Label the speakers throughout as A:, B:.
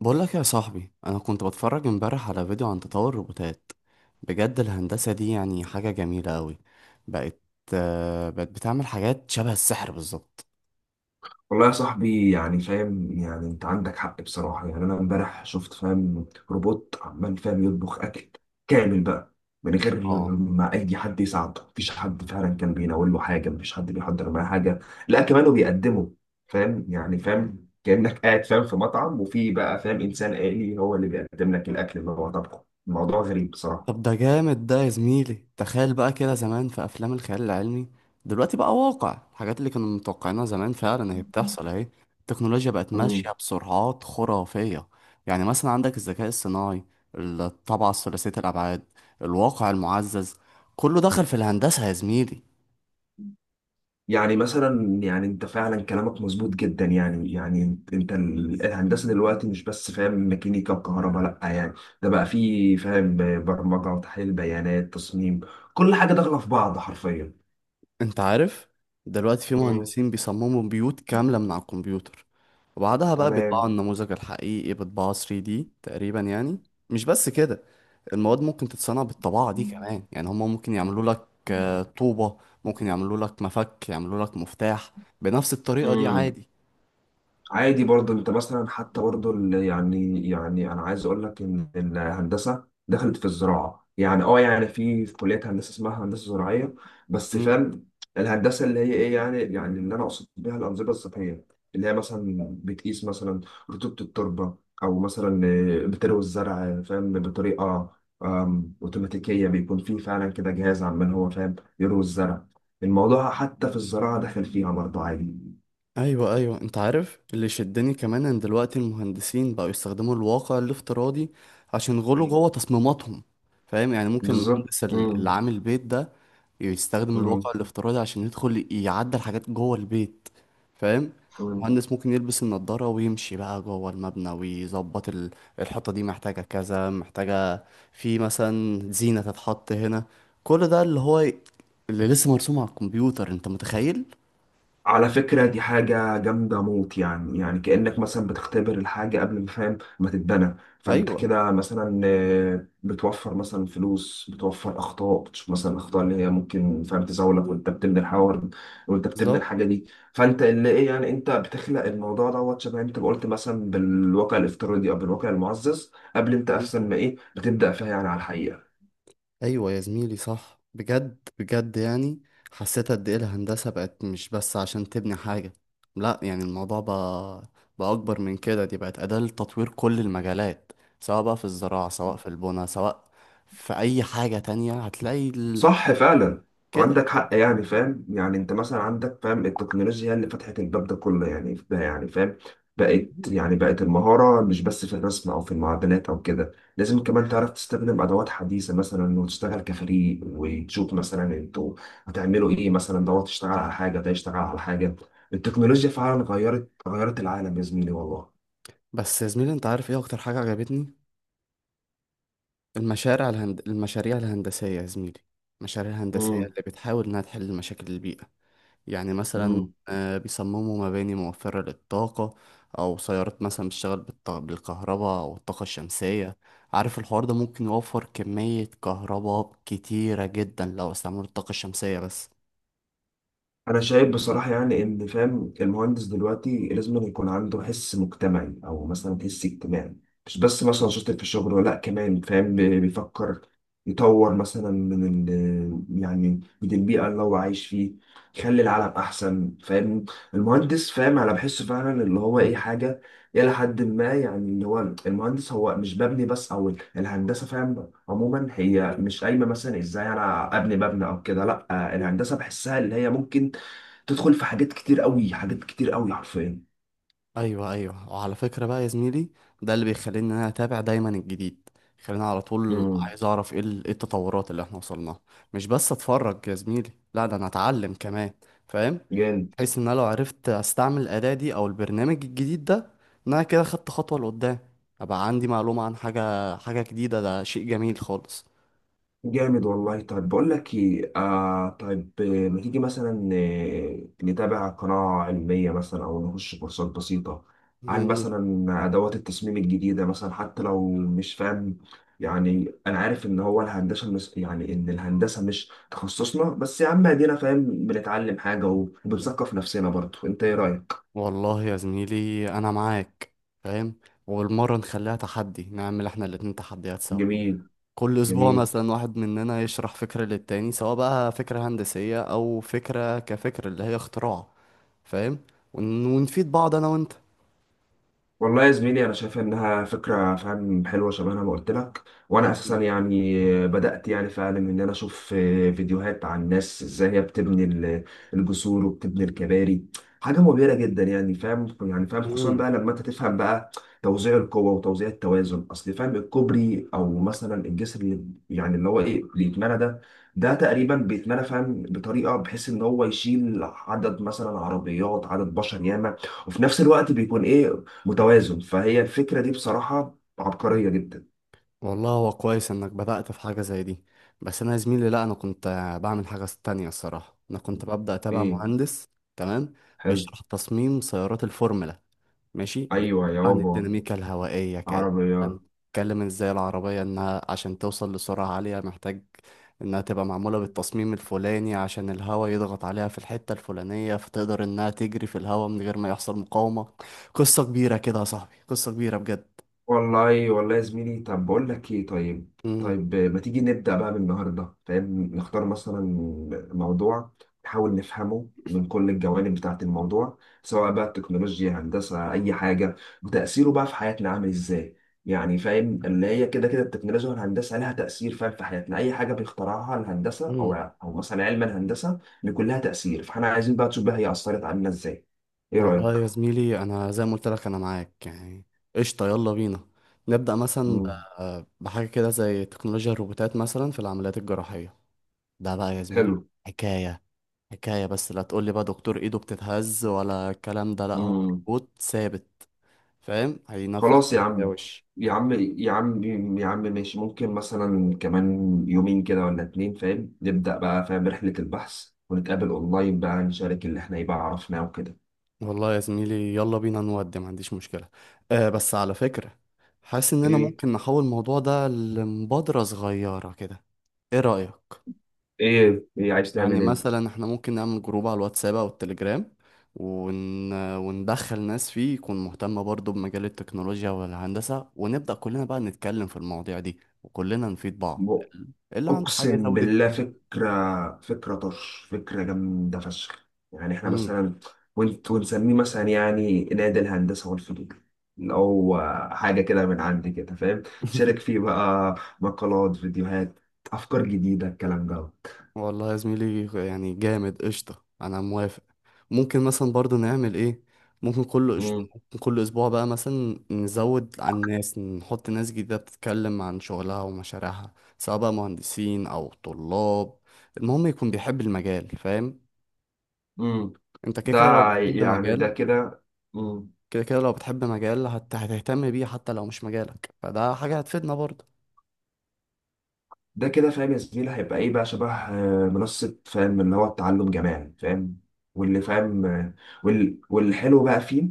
A: بقول لك يا صاحبي، انا كنت بتفرج امبارح على فيديو عن تطور الروبوتات. بجد الهندسة دي يعني حاجة جميلة قوي. بقت بقت بتعمل حاجات شبه السحر بالظبط.
B: والله يا صاحبي، يعني فاهم يعني انت عندك حق بصراحة. يعني انا امبارح شفت فاهم روبوت عمال فاهم يطبخ اكل كامل بقى من غير
A: اه،
B: ما اي حد يساعده. مفيش حد فعلا كان بيناول له حاجة، مفيش حد بيحضر معاه حاجة، لا كمان وبيقدمه. فاهم يعني فاهم كأنك قاعد فاهم في مطعم، وفي بقى فاهم انسان آلي هو اللي بيقدم لك الاكل اللي هو طبخه. الموضوع غريب بصراحة.
A: طب ده جامد ده يا زميلي. تخيل بقى كده زمان في افلام الخيال العلمي، دلوقتي بقى واقع. الحاجات اللي كانوا متوقعينها زمان فعلا هي بتحصل اهي. التكنولوجيا بقت ماشية بسرعات خرافية. يعني مثلا عندك الذكاء الصناعي، الطابعة الثلاثية الابعاد، الواقع المعزز، كله دخل في الهندسة يا زميلي.
B: يعني مثلا يعني انت فعلا كلامك مظبوط جدا. يعني انت الهندسه دلوقتي مش بس فاهم ميكانيكا وكهرباء، لا يعني ده بقى فيه فاهم برمجه وتحليل بيانات تصميم، كل حاجه داخله في بعض حرفيا.
A: انت عارف دلوقتي في
B: مم.
A: مهندسين بيصمموا بيوت كاملة من على الكمبيوتر، وبعدها بقى
B: تمام.
A: بيطبعوا النموذج الحقيقي بطباعة 3D تقريبا يعني. مش بس كده، المواد ممكن تتصنع بالطباعة دي كمان. يعني هما ممكن يعملوا لك طوبة، ممكن يعملوا لك مفك، يعملوا لك مفتاح بنفس الطريقة دي
B: مم.
A: عادي.
B: عادي برضه انت مثلا حتى برضه يعني يعني انا عايز اقول لك ان الهندسه دخلت في الزراعه. يعني اه يعني في في كليه هندسه اسمها هندسه زراعيه، بس فاهم الهندسه اللي هي ايه. يعني يعني اللي انا اقصد بيها الانظمه الصحيه، اللي هي مثلا بتقيس مثلا رطوبه التربه، او مثلا بتروي الزرع فاهم بطريقه اوتوماتيكيه. بيكون في فعلا كده جهاز عمال هو فاهم يروي الزرع. الموضوع حتى في الزراعه دخل فيها برضه عادي.
A: ايوه ايوه، انت عارف اللي شدني كمان ان دلوقتي المهندسين بقوا يستخدموا الواقع الافتراضي عشان يغلوا جوه تصميماتهم. فاهم يعني ممكن
B: بالظبط.
A: المهندس اللي
B: مم.
A: عامل بيت ده يستخدم الواقع
B: مم.
A: الافتراضي عشان يدخل يعدل حاجات جوه البيت. فاهم،
B: مم.
A: المهندس ممكن يلبس النضارة ويمشي بقى جوه المبنى ويظبط الحيطة دي محتاجة كذا، محتاجة في مثلا زينة تتحط هنا. كل ده اللي هو اللي لسه مرسوم على الكمبيوتر، انت متخيل.
B: على فكرة دي حاجة جامدة موت. يعني يعني كأنك مثلا بتختبر الحاجة قبل ما فاهم ما تتبنى. فأنت
A: ايوه
B: كده مثلا بتوفر مثلا فلوس، بتوفر أخطاء، بتشوف مثلا الأخطاء اللي هي ممكن فاهم تزاولك وأنت بتبني الحوار وأنت بتبني
A: بالظبط.
B: الحاجة دي. فأنت اللي إيه، يعني أنت بتخلق الموضوع دوت، شبه أنت ما قلت مثلا بالواقع الافتراضي أو بالواقع المعزز قبل أنت أصلا ما إيه بتبدأ فيها يعني على الحقيقة.
A: ايوه يا زميلي، صح بجد بجد يعني. حسيت قد ايه الهندسه بقت مش بس عشان تبني حاجه. لا يعني الموضوع بقى اكبر من كده. دي بقت اداه لتطوير كل المجالات، سواء بقى في الزراعه، سواء في البنى، سواء في اي حاجه تانية هتلاقي
B: صح فعلا،
A: كده.
B: عندك حق. يعني فاهم يعني انت مثلا عندك فاهم التكنولوجيا هي اللي فتحت الباب ده كله. يعني يعني فاهم بقت،
A: مم.
B: يعني بقت المهارة مش بس في الرسم او في المعدنات او كده. لازم كمان تعرف تستخدم ادوات حديثة مثلا وتشتغل كفريق وتشوف مثلا انتوا هتعملوا ايه مثلا. دوت تشتغل على حاجة، ده يشتغل على حاجة. التكنولوجيا فعلا غيرت العالم يا زميلي والله.
A: بس يا زميلي، انت عارف ايه اكتر حاجه عجبتني؟ المشاريع الهندسيه يا زميلي، المشاريع الهندسيه اللي بتحاول انها تحل مشاكل البيئه. يعني مثلا
B: امم
A: بيصمموا مباني موفرة للطاقة، أو سيارات مثلا بتشتغل بالكهرباء أو الطاقة الشمسية. عارف الحوار ده ممكن يوفر كمية كهرباء كتيرة جدا لو استعملوا الطاقة الشمسية بس.
B: انا شايف بصراحه يعني ان فاهم المهندس دلوقتي لازم أن يكون عنده حس مجتمعي او مثلا حس اجتماعي. مش بس مثلا شاطر في الشغل، ولا كمان فاهم بيفكر يطور مثلا من ال يعني من البيئه اللي هو عايش فيه، يخلي العالم احسن. فاهم المهندس فاهم انا بحسه فعلا اللي هو ايه
A: مم.
B: حاجه الى حد ما. يعني اللي هو المهندس هو مش ببني بس، او الهندسه فاهم عموما هي مش قايمه مثلا ازاي انا ابني مبنى او كده، لا الهندسه بحسها اللي هي ممكن تدخل في حاجات كتير قوي، حاجات كتير قوي حرفيا.
A: أيوه أيوه، وعلى فكرة بقى يا زميلي، ده اللي بيخليني إن أنا أتابع دايما الجديد. خليني على طول
B: امم
A: عايز أعرف إيه إيه التطورات اللي إحنا وصلناها. مش بس أتفرج يا زميلي، لا ده أنا أتعلم كمان. فاهم،
B: جامد.
A: بحيث ان انا لو عرفت استعمل الاداة دي او البرنامج الجديد ده، ان انا كده خدت خطوة لقدام، ابقى عندي معلومة عن حاجة، حاجة جديدة. ده شيء جميل خالص.
B: جامد والله. طيب بقول لك ايه، آه طيب، ما تيجي مثلا نتابع قناة علمية مثلا او نخش كورسات بسيطة عن
A: مم.
B: مثلا ادوات التصميم الجديدة مثلا، حتى لو مش فاهم. يعني انا عارف ان هو الهندسة مش، يعني ان الهندسة مش تخصصنا، بس يا عم ادينا فاهم بنتعلم حاجة وبنثقف نفسنا برضه. انت ايه رأيك؟
A: والله يا زميلي انا معاك. فاهم، والمرة نخليها تحدي، نعمل احنا الاتنين تحديات سوا.
B: جميل.
A: كل اسبوع
B: جميل.
A: مثلا واحد مننا يشرح فكرة للتاني، سواء بقى فكرة هندسية او فكرة كفكرة اللي هي اختراع. فاهم ونفيد بعض انا وانت.
B: والله يا زميلي انا شايف انها فكره فاهم حلوه، شبه انا ما قلت لك. وانا اساسا
A: مم.
B: يعني بدات يعني فعلا ان انا اشوف فيديوهات عن الناس ازاي هي بتبني الجسور وبتبني الكباري. حاجه مبهره جدا، يعني فاهم يعني فاهم خصوصا
A: مم.
B: بقى لما انت تفهم بقى توزيع القوه وتوزيع التوازن. اصل فاهم الكوبري او مثلا الجسر اللي يعني اللي هو ايه اللي يتمنى ده، ده تقريبا بيتمنى فاهم بطريقه بحيث ان هو يشيل عدد مثلا عربيات، عدد بشر ياما، وفي نفس الوقت بيكون ايه، متوازن. فهي الفكرة دي بصراحة عبقرية جدا.
A: والله هو كويس انك بدأت في حاجة زي دي. بس انا يا زميلي لا، انا كنت بعمل حاجة تانية. الصراحة انا كنت ببدأ اتابع
B: ايه،
A: مهندس. تمام،
B: حلو.
A: بيشرح تصميم سيارات الفورمولا. ماشي،
B: ايوه
A: بيحكي عن
B: يابا،
A: الديناميكا الهوائية كأن
B: عربيات.
A: كان اتكلم ازاي العربية انها عشان توصل لسرعة عالية محتاج انها تبقى معمولة بالتصميم الفلاني عشان الهواء يضغط عليها في الحتة الفلانية فتقدر انها تجري في الهواء من غير ما يحصل مقاومة. قصة كبيرة كده يا صاحبي، قصة كبيرة بجد.
B: والله والله يا زميلي، طب بقول لك ايه، طيب
A: امم.
B: طيب، ما تيجي نبدأ بقى من النهارده فاهم نختار مثلا موضوع، نحاول نفهمه من كل الجوانب بتاعة الموضوع، سواء بقى التكنولوجيا، هندسة، أي حاجة، وتأثيره بقى في حياتنا عامل ازاي. يعني فاهم اللي هي كده كده التكنولوجيا والهندسة لها تأثير فاهم في حياتنا، أي حاجة بيخترعها الهندسة، أو
A: امم.
B: أو مثلا علم الهندسة بيكون لها تأثير. فاحنا عايزين بقى تشوف بقى هي أثرت علينا ازاي. إيه
A: والله
B: رأيك؟
A: يا زميلي، انا زي ما قلت لك انا معاك يعني. قشطه، يلا بينا نبدا مثلا
B: مم.
A: بحاجه كده زي تكنولوجيا الروبوتات مثلا في العمليات الجراحيه. ده بقى يا زميلي
B: حلو.
A: حكايه، حكايه. بس لا تقول لي بقى دكتور ايده بتتهز ولا الكلام ده، لا هو
B: مم.
A: روبوت ثابت. فاهم، هينفذ
B: خلاص يا
A: يا
B: عم.
A: وش.
B: يا عم، يا عم، يا عم ماشي. ممكن مثلا كمان يومين كده ولا اتنين فاهم نبدأ بقى فاهم رحلة البحث ونتقابل اونلاين بقى، نشارك اللي احنا يبقى عرفناه وكده.
A: والله يا زميلي يلا بينا نودي، ما عنديش مشكله. آه بس على فكره، حاسس اننا
B: ايه.
A: ممكن نحول الموضوع ده لمبادره صغيره كده. ايه رايك؟
B: ايه. ايه عايز
A: يعني
B: تعمل
A: مثلا احنا ممكن نعمل جروب على الواتساب او التليجرام، وندخل ناس فيه يكون مهتمة برضو بمجال التكنولوجيا والهندسة، ونبدأ كلنا بقى نتكلم في المواضيع دي وكلنا نفيد بعض.
B: ايه.
A: اللي عنده حاجة
B: اقسم
A: يزود
B: بالله
A: التاني.
B: فكره، فكره طرش، فكره جامده فشخ. يعني احنا
A: مم.
B: مثلا، ونت ونسميه مثلا يعني نادي الهندسه والفنون، اللي هو حاجه كده من عندي كده فاهم. شارك فيه بقى مقالات، فيديوهات، افكار جديده، الكلام ده.
A: والله يا زميلي يعني جامد. قشطة أنا موافق. ممكن مثلا برضو نعمل إيه، ممكن
B: امم
A: ممكن كل أسبوع بقى مثلا نزود عن الناس، نحط ناس جديدة بتتكلم عن شغلها ومشاريعها، سواء بقى مهندسين أو طلاب. المهم يكون بيحب المجال. فاهم،
B: امم
A: أنت كده
B: ده
A: كده لو بتحب
B: يعني ده
A: مجال،
B: كده. امم
A: كده كده لو بتحب مجال هتهتم بيه حتى لو مش مجالك، فده حاجة هتفيدنا برضو.
B: ده كده فاهم يا زميلي هيبقى ايه بقى شبه منصه فاهم اللي هو التعلم جماعي فاهم. واللي فاهم والحلو بقى فيه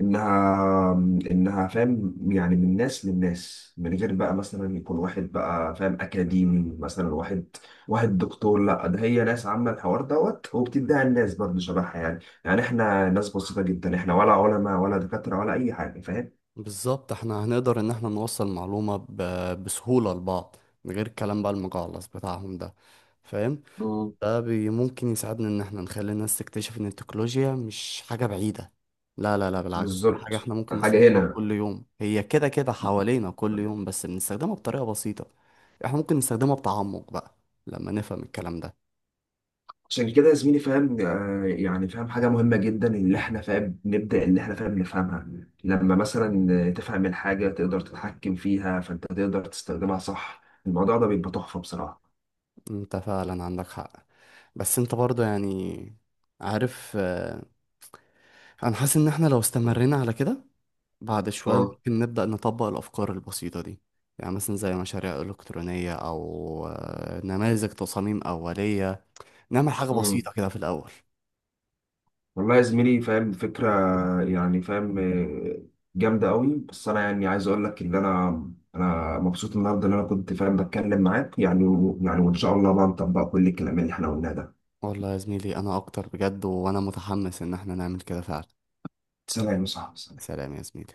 B: انها، انها فاهم يعني من ناس للناس، من غير بقى مثلا يكون واحد بقى فاهم اكاديمي مثلا، واحد، واحد دكتور، لا ده هي ناس عامه الحوار دوت، وبتديها الناس برضه شبهها يعني. يعني احنا ناس بسيطه جدا احنا، ولا علماء ولا دكاتره ولا اي حاجه فاهم.
A: بالظبط، احنا هنقدر ان احنا نوصل معلومة بسهولة لبعض من غير الكلام بقى المجعلص بتاعهم ده. فاهم،
B: مم.
A: ده بي ممكن يساعدنا ان احنا نخلي الناس تكتشف ان التكنولوجيا مش حاجة بعيدة. لا لا لا، بالعكس، دي حاجة
B: بالظبط،
A: احنا ممكن
B: حاجه
A: نستخدمها
B: هنا.
A: كل يوم. هي كده كده حوالينا كل يوم بس بنستخدمها بطريقة بسيطة. احنا ممكن نستخدمها بتعمق بقى لما نفهم الكلام ده.
B: عشان كده يا زميلي فاهم يعني فاهم حاجة مهمة جدا اللي احنا فاهم نبدأ اللي احنا فاهم نفهمها. لما مثلا تفهم الحاجة تقدر تتحكم فيها، فانت تقدر تستخدمها صح. الموضوع ده بيبقى تحفة بصراحة.
A: انت فعلا عندك حق. بس انت برضه يعني عارف انا حاسس ان احنا لو
B: اه.
A: استمرينا على كده، بعد شوية
B: اه.
A: ممكن نبدأ نطبق الأفكار البسيطة دي. يعني مثلا زي مشاريع إلكترونية أو نماذج تصاميم أولية، نعمل حاجة
B: أمم.
A: بسيطة كده في الأول.
B: والله يا زميلي فاهم فكرة، يعني فاهم جامدة قوي. بس انا يعني عايز اقول لك ان انا، انا مبسوط النهارده ان انا كنت فاهم بتكلم معاك، يعني يعني وان شاء الله بقى نطبق كل الكلام اللي احنا قلناه ده.
A: والله يا زميلي أنا أكتر بجد، وأنا متحمس إن احنا نعمل كده فعلا.
B: سلام يا صاحبي، سلام.
A: سلام يا زميلي.